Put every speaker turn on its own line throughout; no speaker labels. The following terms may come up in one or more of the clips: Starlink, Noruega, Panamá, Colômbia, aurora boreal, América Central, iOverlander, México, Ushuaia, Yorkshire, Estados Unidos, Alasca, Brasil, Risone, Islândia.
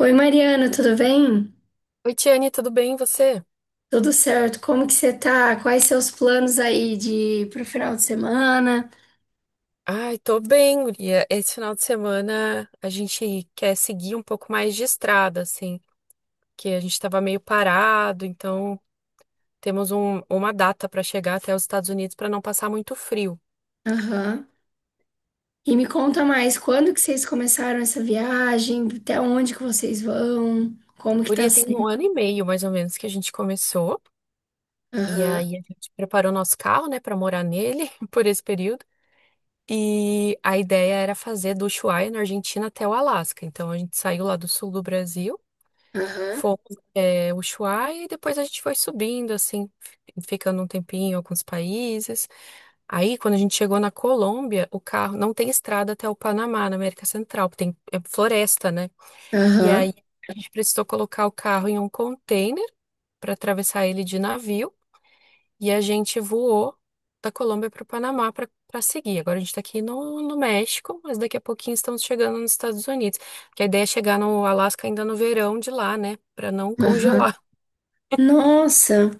Oi, Mariana, tudo bem?
Oi, Tiane, tudo bem? E você?
Tudo certo? Como que você tá? Quais seus planos aí de pro final de semana?
Ai, tô bem, guria. Esse final de semana a gente quer seguir um pouco mais de estrada, assim, que a gente tava meio parado, então temos uma data para chegar até os Estados Unidos para não passar muito frio.
Aham. E me conta mais, quando que vocês começaram essa viagem? Até onde que vocês vão? Como que tá
Guria, tem
sendo?
um ano e meio, mais ou menos, que a gente começou, e
Aham,
aí a gente preparou nosso carro, né, para morar nele por esse período. E a ideia era fazer do Ushuaia, na Argentina, até o Alasca. Então a gente saiu lá do sul do Brasil.
aham,
Fomos Ushuaia e depois a gente foi subindo, assim, ficando um tempinho em alguns países. Aí, quando a gente chegou na Colômbia, o carro não tem estrada até o Panamá, na América Central, porque tem é floresta, né? E
aham,
aí a gente precisou colocar o carro em um container para atravessar ele de navio e a gente voou da Colômbia para o Panamá para seguir. Agora a gente está aqui no México, mas daqui a pouquinho estamos chegando nos Estados Unidos. Porque a ideia é chegar no Alasca ainda no verão de lá, né? Para não
aham.
congelar.
Nossa!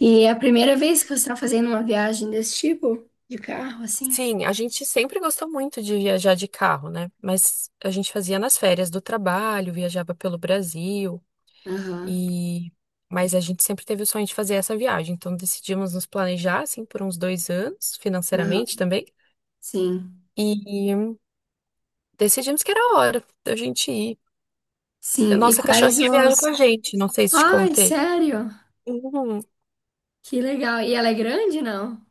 E é a primeira vez que você tá fazendo uma viagem desse tipo? De carro, assim?
Sim, a gente sempre gostou muito de viajar de carro, né? Mas a gente fazia nas férias do trabalho, viajava pelo Brasil
Aham,
e mas a gente sempre teve o sonho de fazer essa viagem, então decidimos nos planejar assim por uns 2 anos, financeiramente
aham.
também,
Sim,
e decidimos que era a hora da gente ir. A
sim. E
nossa
quais
cachorrinha viaja
os...
com a gente, não sei se te
Ai,
contei.
sério?
Uhum.
Que legal. E ela é grande, não?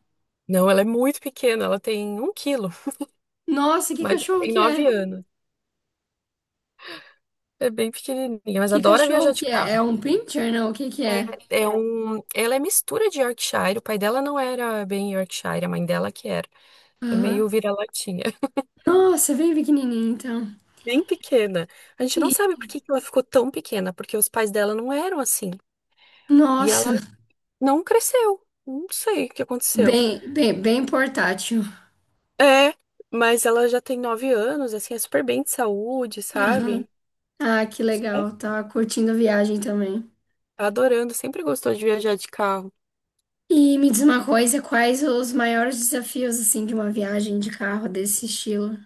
Não, ela é muito pequena, ela tem 1 quilo,
Nossa, que
mas ela
cachorro
tem
que
nove
é?
anos. É bem pequenininha, mas
Que
adora
cachorro
viajar de
que é? É
carro.
um pincher, não? O que que é?
Ela é mistura de Yorkshire. O pai dela não era bem Yorkshire, a mãe dela que era. É
Aham.
meio vira-latinha.
Nossa, bem pequenininho, então.
Bem pequena. A gente não
E,
sabe por que que ela ficou tão pequena, porque os pais dela não eram assim. E ela
nossa,
não cresceu. Não sei o que aconteceu.
bem, bem, bem portátil.
É, mas ela já tem 9 anos, assim, é super bem de saúde,
Aham.
sabe?
Ah, que
É,
legal. Tava curtindo a viagem também.
tá adorando, sempre gostou de viajar de carro.
E me diz uma coisa, quais os maiores desafios, assim, de uma viagem de carro desse estilo?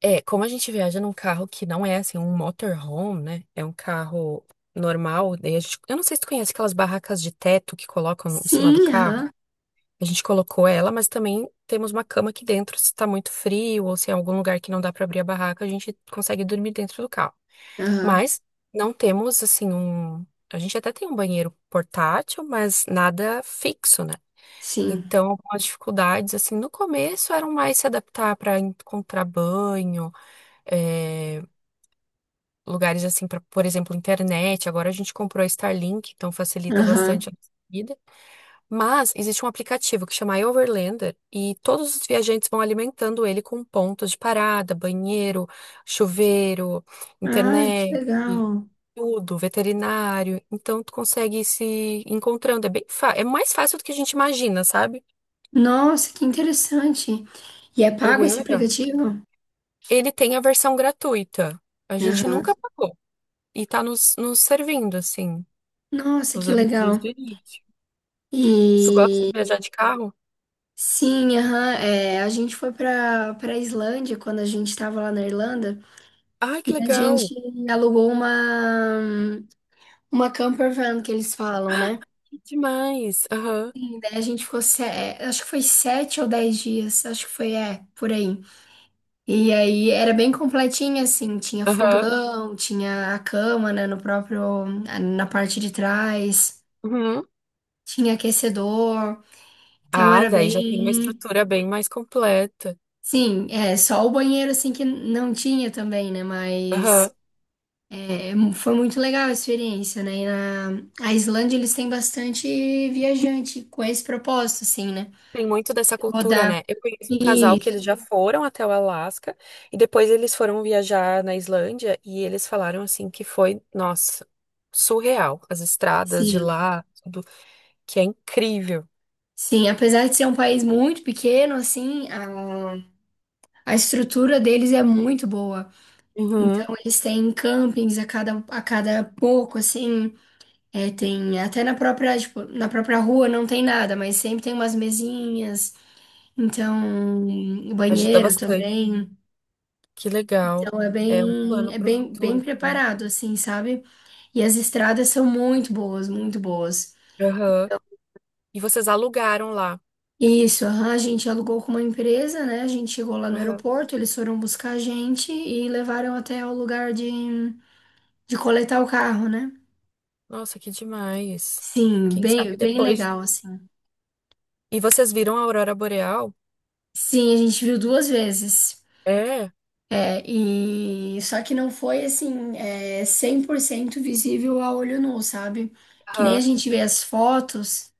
É, como a gente viaja num carro que não é assim um motorhome, né? É um carro normal. Daí a gente, eu não sei se tu conhece aquelas barracas de teto que colocam em cima do
Sim,
carro.
aham.
A gente colocou ela, mas também temos uma cama aqui dentro. Se tá muito frio ou se é algum lugar que não dá pra abrir a barraca, a gente consegue dormir dentro do carro.
Aham.
Mas não temos assim um. A gente até tem um banheiro portátil, mas nada fixo, né?
Sim.
Então, algumas dificuldades, assim, no começo eram mais se adaptar para encontrar banho, eh, lugares assim, pra, por exemplo, internet. Agora a gente comprou a Starlink, então facilita
Aham.
bastante a nossa vida. Mas existe um aplicativo que chama iOverlander e todos os viajantes vão alimentando ele com pontos de parada, banheiro, chuveiro,
Ai, que
internet.
legal.
Tudo, veterinário, então tu consegue ir se encontrando. É mais fácil do que a gente imagina, sabe?
Nossa, que interessante. E é
É
pago
bem
esse
legal.
aplicativo?
Ele tem a versão gratuita. A gente
Aham.
nunca pagou. E tá nos servindo, assim.
Nossa, que
Usamos desde o
legal.
início. Tu gosta
E
de viajar de carro?
sim, aham, a gente foi para Islândia quando a gente estava lá na Irlanda
Ai, que
e a
legal!
gente alugou uma camper van que eles falam, né?
Que Demais! Aham,
E daí a gente ficou, acho que foi 7 ou 10 dias, acho que foi, por aí. E aí era bem completinha, assim, tinha
aham,
fogão, tinha a cama, né, no próprio, na parte de trás.
uhum.
Tinha aquecedor, então
Ah,
era
daí já tem uma
bem.
estrutura bem mais completa.
Sim, é só o banheiro assim que não tinha também, né?
Aham.
Mas foi muito legal a experiência, né? E na a Islândia eles têm bastante viajante com esse propósito, assim, né?
Tem muito dessa cultura,
Rodar.
né? Eu conheço um casal que
Isso,
eles já foram até o Alasca e depois eles foram viajar na Islândia e eles falaram assim que foi, nossa, surreal. As estradas de
sim.
lá, tudo, que é incrível.
Sim, apesar de ser um país muito pequeno, assim, a estrutura deles é muito boa.
Uhum.
Então eles têm campings a cada pouco, assim. É, tem até na própria, tipo, na própria rua não tem nada, mas sempre tem umas mesinhas, então, o
Ajuda
banheiro
bastante.
também.
Que legal.
Então é
É um
bem,
plano
é
para o
bem, bem
futuro também.
preparado, assim, sabe? E as estradas são muito boas, muito boas.
Aham.
Então.
E vocês alugaram lá.
Isso, aham, a gente alugou com uma empresa, né? A gente chegou lá no
Aham.
aeroporto, eles foram buscar a gente e levaram até o lugar de coletar o carro, né?
Nossa, que demais.
Sim,
Quem
bem,
sabe
bem
depois.
legal, assim.
E vocês viram a aurora boreal?
Sim, a gente viu duas vezes.
É.
E só que não foi assim, 100% visível a olho nu, sabe? Que nem a
Aham.
gente vê as fotos,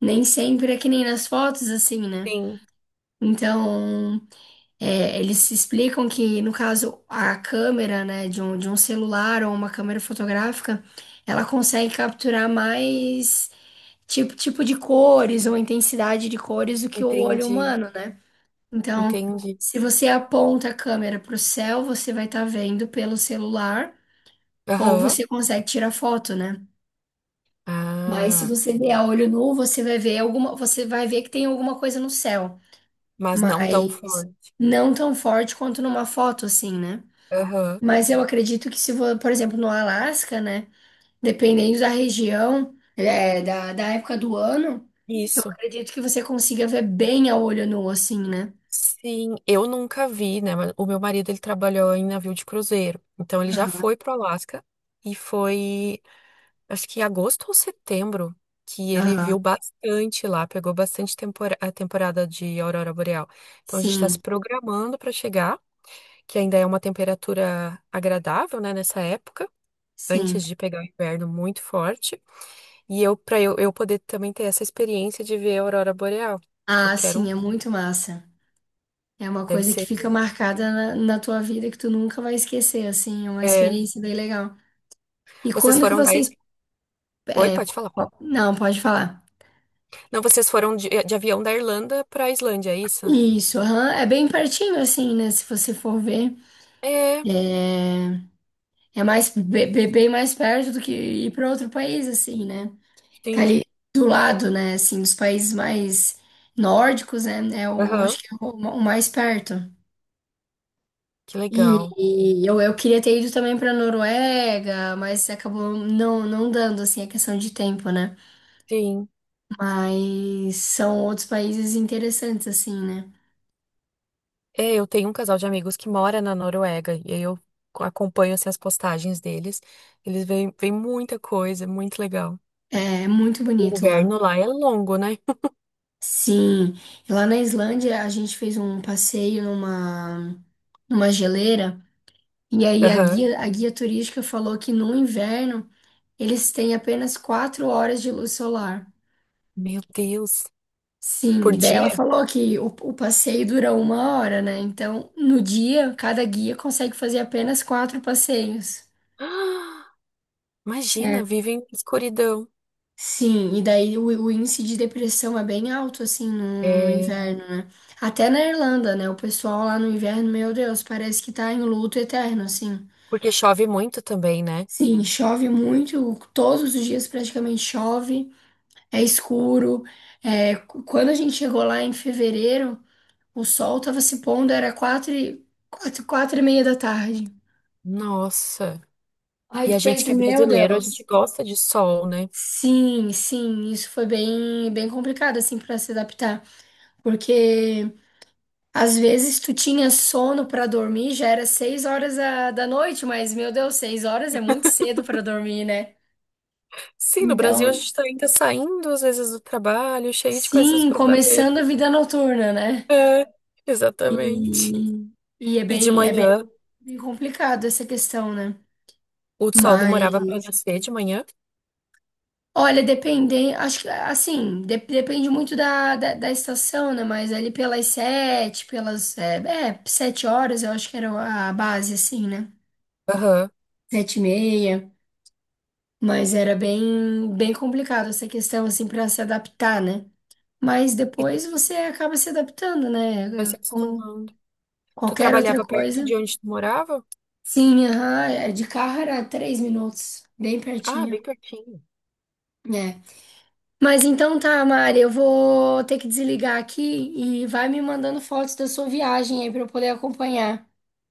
nem sempre é que nem nas fotos, assim, né?
Sim.
Então, eles explicam que, no caso, a câmera, né, de um celular ou uma câmera fotográfica, ela consegue capturar mais tipo, tipo de cores ou intensidade de cores do que o olho
Entendi.
humano, né? Então,
Entendi.
se você aponta a câmera para o céu, você vai estar vendo pelo celular ou
Aham.
você consegue tirar foto, né? Mas se
Ah,
você ver a olho nu, você vai ver alguma, você vai ver que tem alguma coisa no céu,
mas não tão
mas
forte.
não tão forte quanto numa foto assim, né?
Aham.
Mas eu acredito que se, vo- por exemplo, no Alasca, né, dependendo da região, da época do ano, eu
Isso.
acredito que você consiga ver bem a olho nu assim, né?
Sim, eu nunca vi, né? Mas o meu marido, ele trabalhou em navio de cruzeiro. Então, ele já
Aham,
foi pro Alasca e foi. Acho que em agosto ou setembro, que ele
aham.
viu bastante lá, pegou bastante a temporada de aurora boreal. Então a gente está se
Sim,
programando para chegar, que ainda é uma temperatura agradável, né, nessa época.
sim.
Antes de pegar o inverno muito forte. E eu, para eu poder também ter essa experiência de ver a aurora boreal, que eu
Ah,
quero.
sim, é muito massa. É uma
Deve
coisa que
ser
fica
que.
marcada na tua vida que tu nunca vai esquecer, assim, é uma
é,
experiência bem legal. E
Vocês
quando que
foram da.
vocês...
Oi,
é,
pode
po-
falar.
não, pode falar.
Não, vocês foram de avião da Irlanda para a Islândia, é isso?
Isso, aham, é bem pertinho, assim, né? Se você for ver,
É,
é, é mais bem mais perto do que ir para outro país, assim, né? Tá
sim.
ali do lado, né? Assim, dos países mais nórdicos, né? É o,
Aham,
acho que é o mais perto.
que legal.
E, eu queria ter ido também para Noruega, mas acabou não dando, assim, a questão de tempo, né?
Sim.
Mas são outros países interessantes, assim, né?
É, eu tenho um casal de amigos que mora na Noruega e aí eu acompanho assim, as postagens deles. Eles veem muita coisa, muito legal.
É muito
O
bonito lá.
inverno lá é longo, né?
Sim, e lá na Islândia a gente fez um passeio numa geleira, e aí a
Aham.
guia, a guia turística falou que no inverno eles têm apenas 4 horas de luz solar.
Meu Deus.
Sim,
Por
e daí
dia?
ela falou que o passeio dura 1 hora, né? Então, no dia, cada guia consegue fazer apenas quatro passeios.
Ah, imagina,
É.
vivem em escuridão.
Sim, e daí o índice de depressão é bem alto, assim, no
É,
inverno, né? Até na Irlanda, né? O pessoal lá no inverno, meu Deus, parece que tá em luto eterno, assim.
porque chove muito também, né?
Sim, chove muito, todos os dias praticamente chove, é escuro. É, quando a gente chegou lá em fevereiro. O sol estava se pondo, era 4:30 da tarde.
Nossa.
Aí
E a
tu
gente
pensa,
que é
meu
brasileiro, a gente
Deus.
gosta de sol, né?
Sim, sim, isso foi bem, bem complicado assim para se adaptar, porque às vezes tu tinha sono para dormir, já era 6 horas da noite, mas meu Deus, 6 horas é muito cedo para dormir, né?
Sim, no Brasil a
Então,
gente tá ainda saindo às vezes do trabalho, cheio de coisas
sim,
pra fazer.
começando a vida noturna, né?
É,
E,
exatamente.
e é
E de
bem, é bem,
manhã.
bem complicado essa questão, né?
O sol
Mas
demorava para nascer de manhã?
olha, dependendo, acho que assim, depende muito da estação, né? Mas ali pelas 7 horas, eu acho que era a base, assim, né?
Aham.
7:30. Mas era bem, bem complicado essa questão, assim, para se adaptar, né? Mas
E tu
depois você acaba se adaptando,
vai
né?
se
Com
acostumando. Tu
qualquer outra
trabalhava perto
coisa.
de onde tu morava?
Sim, aham, de carro era 3 minutos, bem
Ah,
pertinho.
bem pertinho.
É. Mas então tá, Mari, eu vou ter que desligar aqui e vai me mandando fotos da sua viagem aí pra eu poder acompanhar.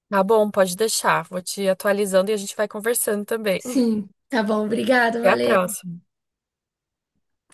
Tá bom, pode deixar. Vou te atualizando e a gente vai conversando também.
Sim, tá bom, obrigada,
Até a
valeu.
próxima.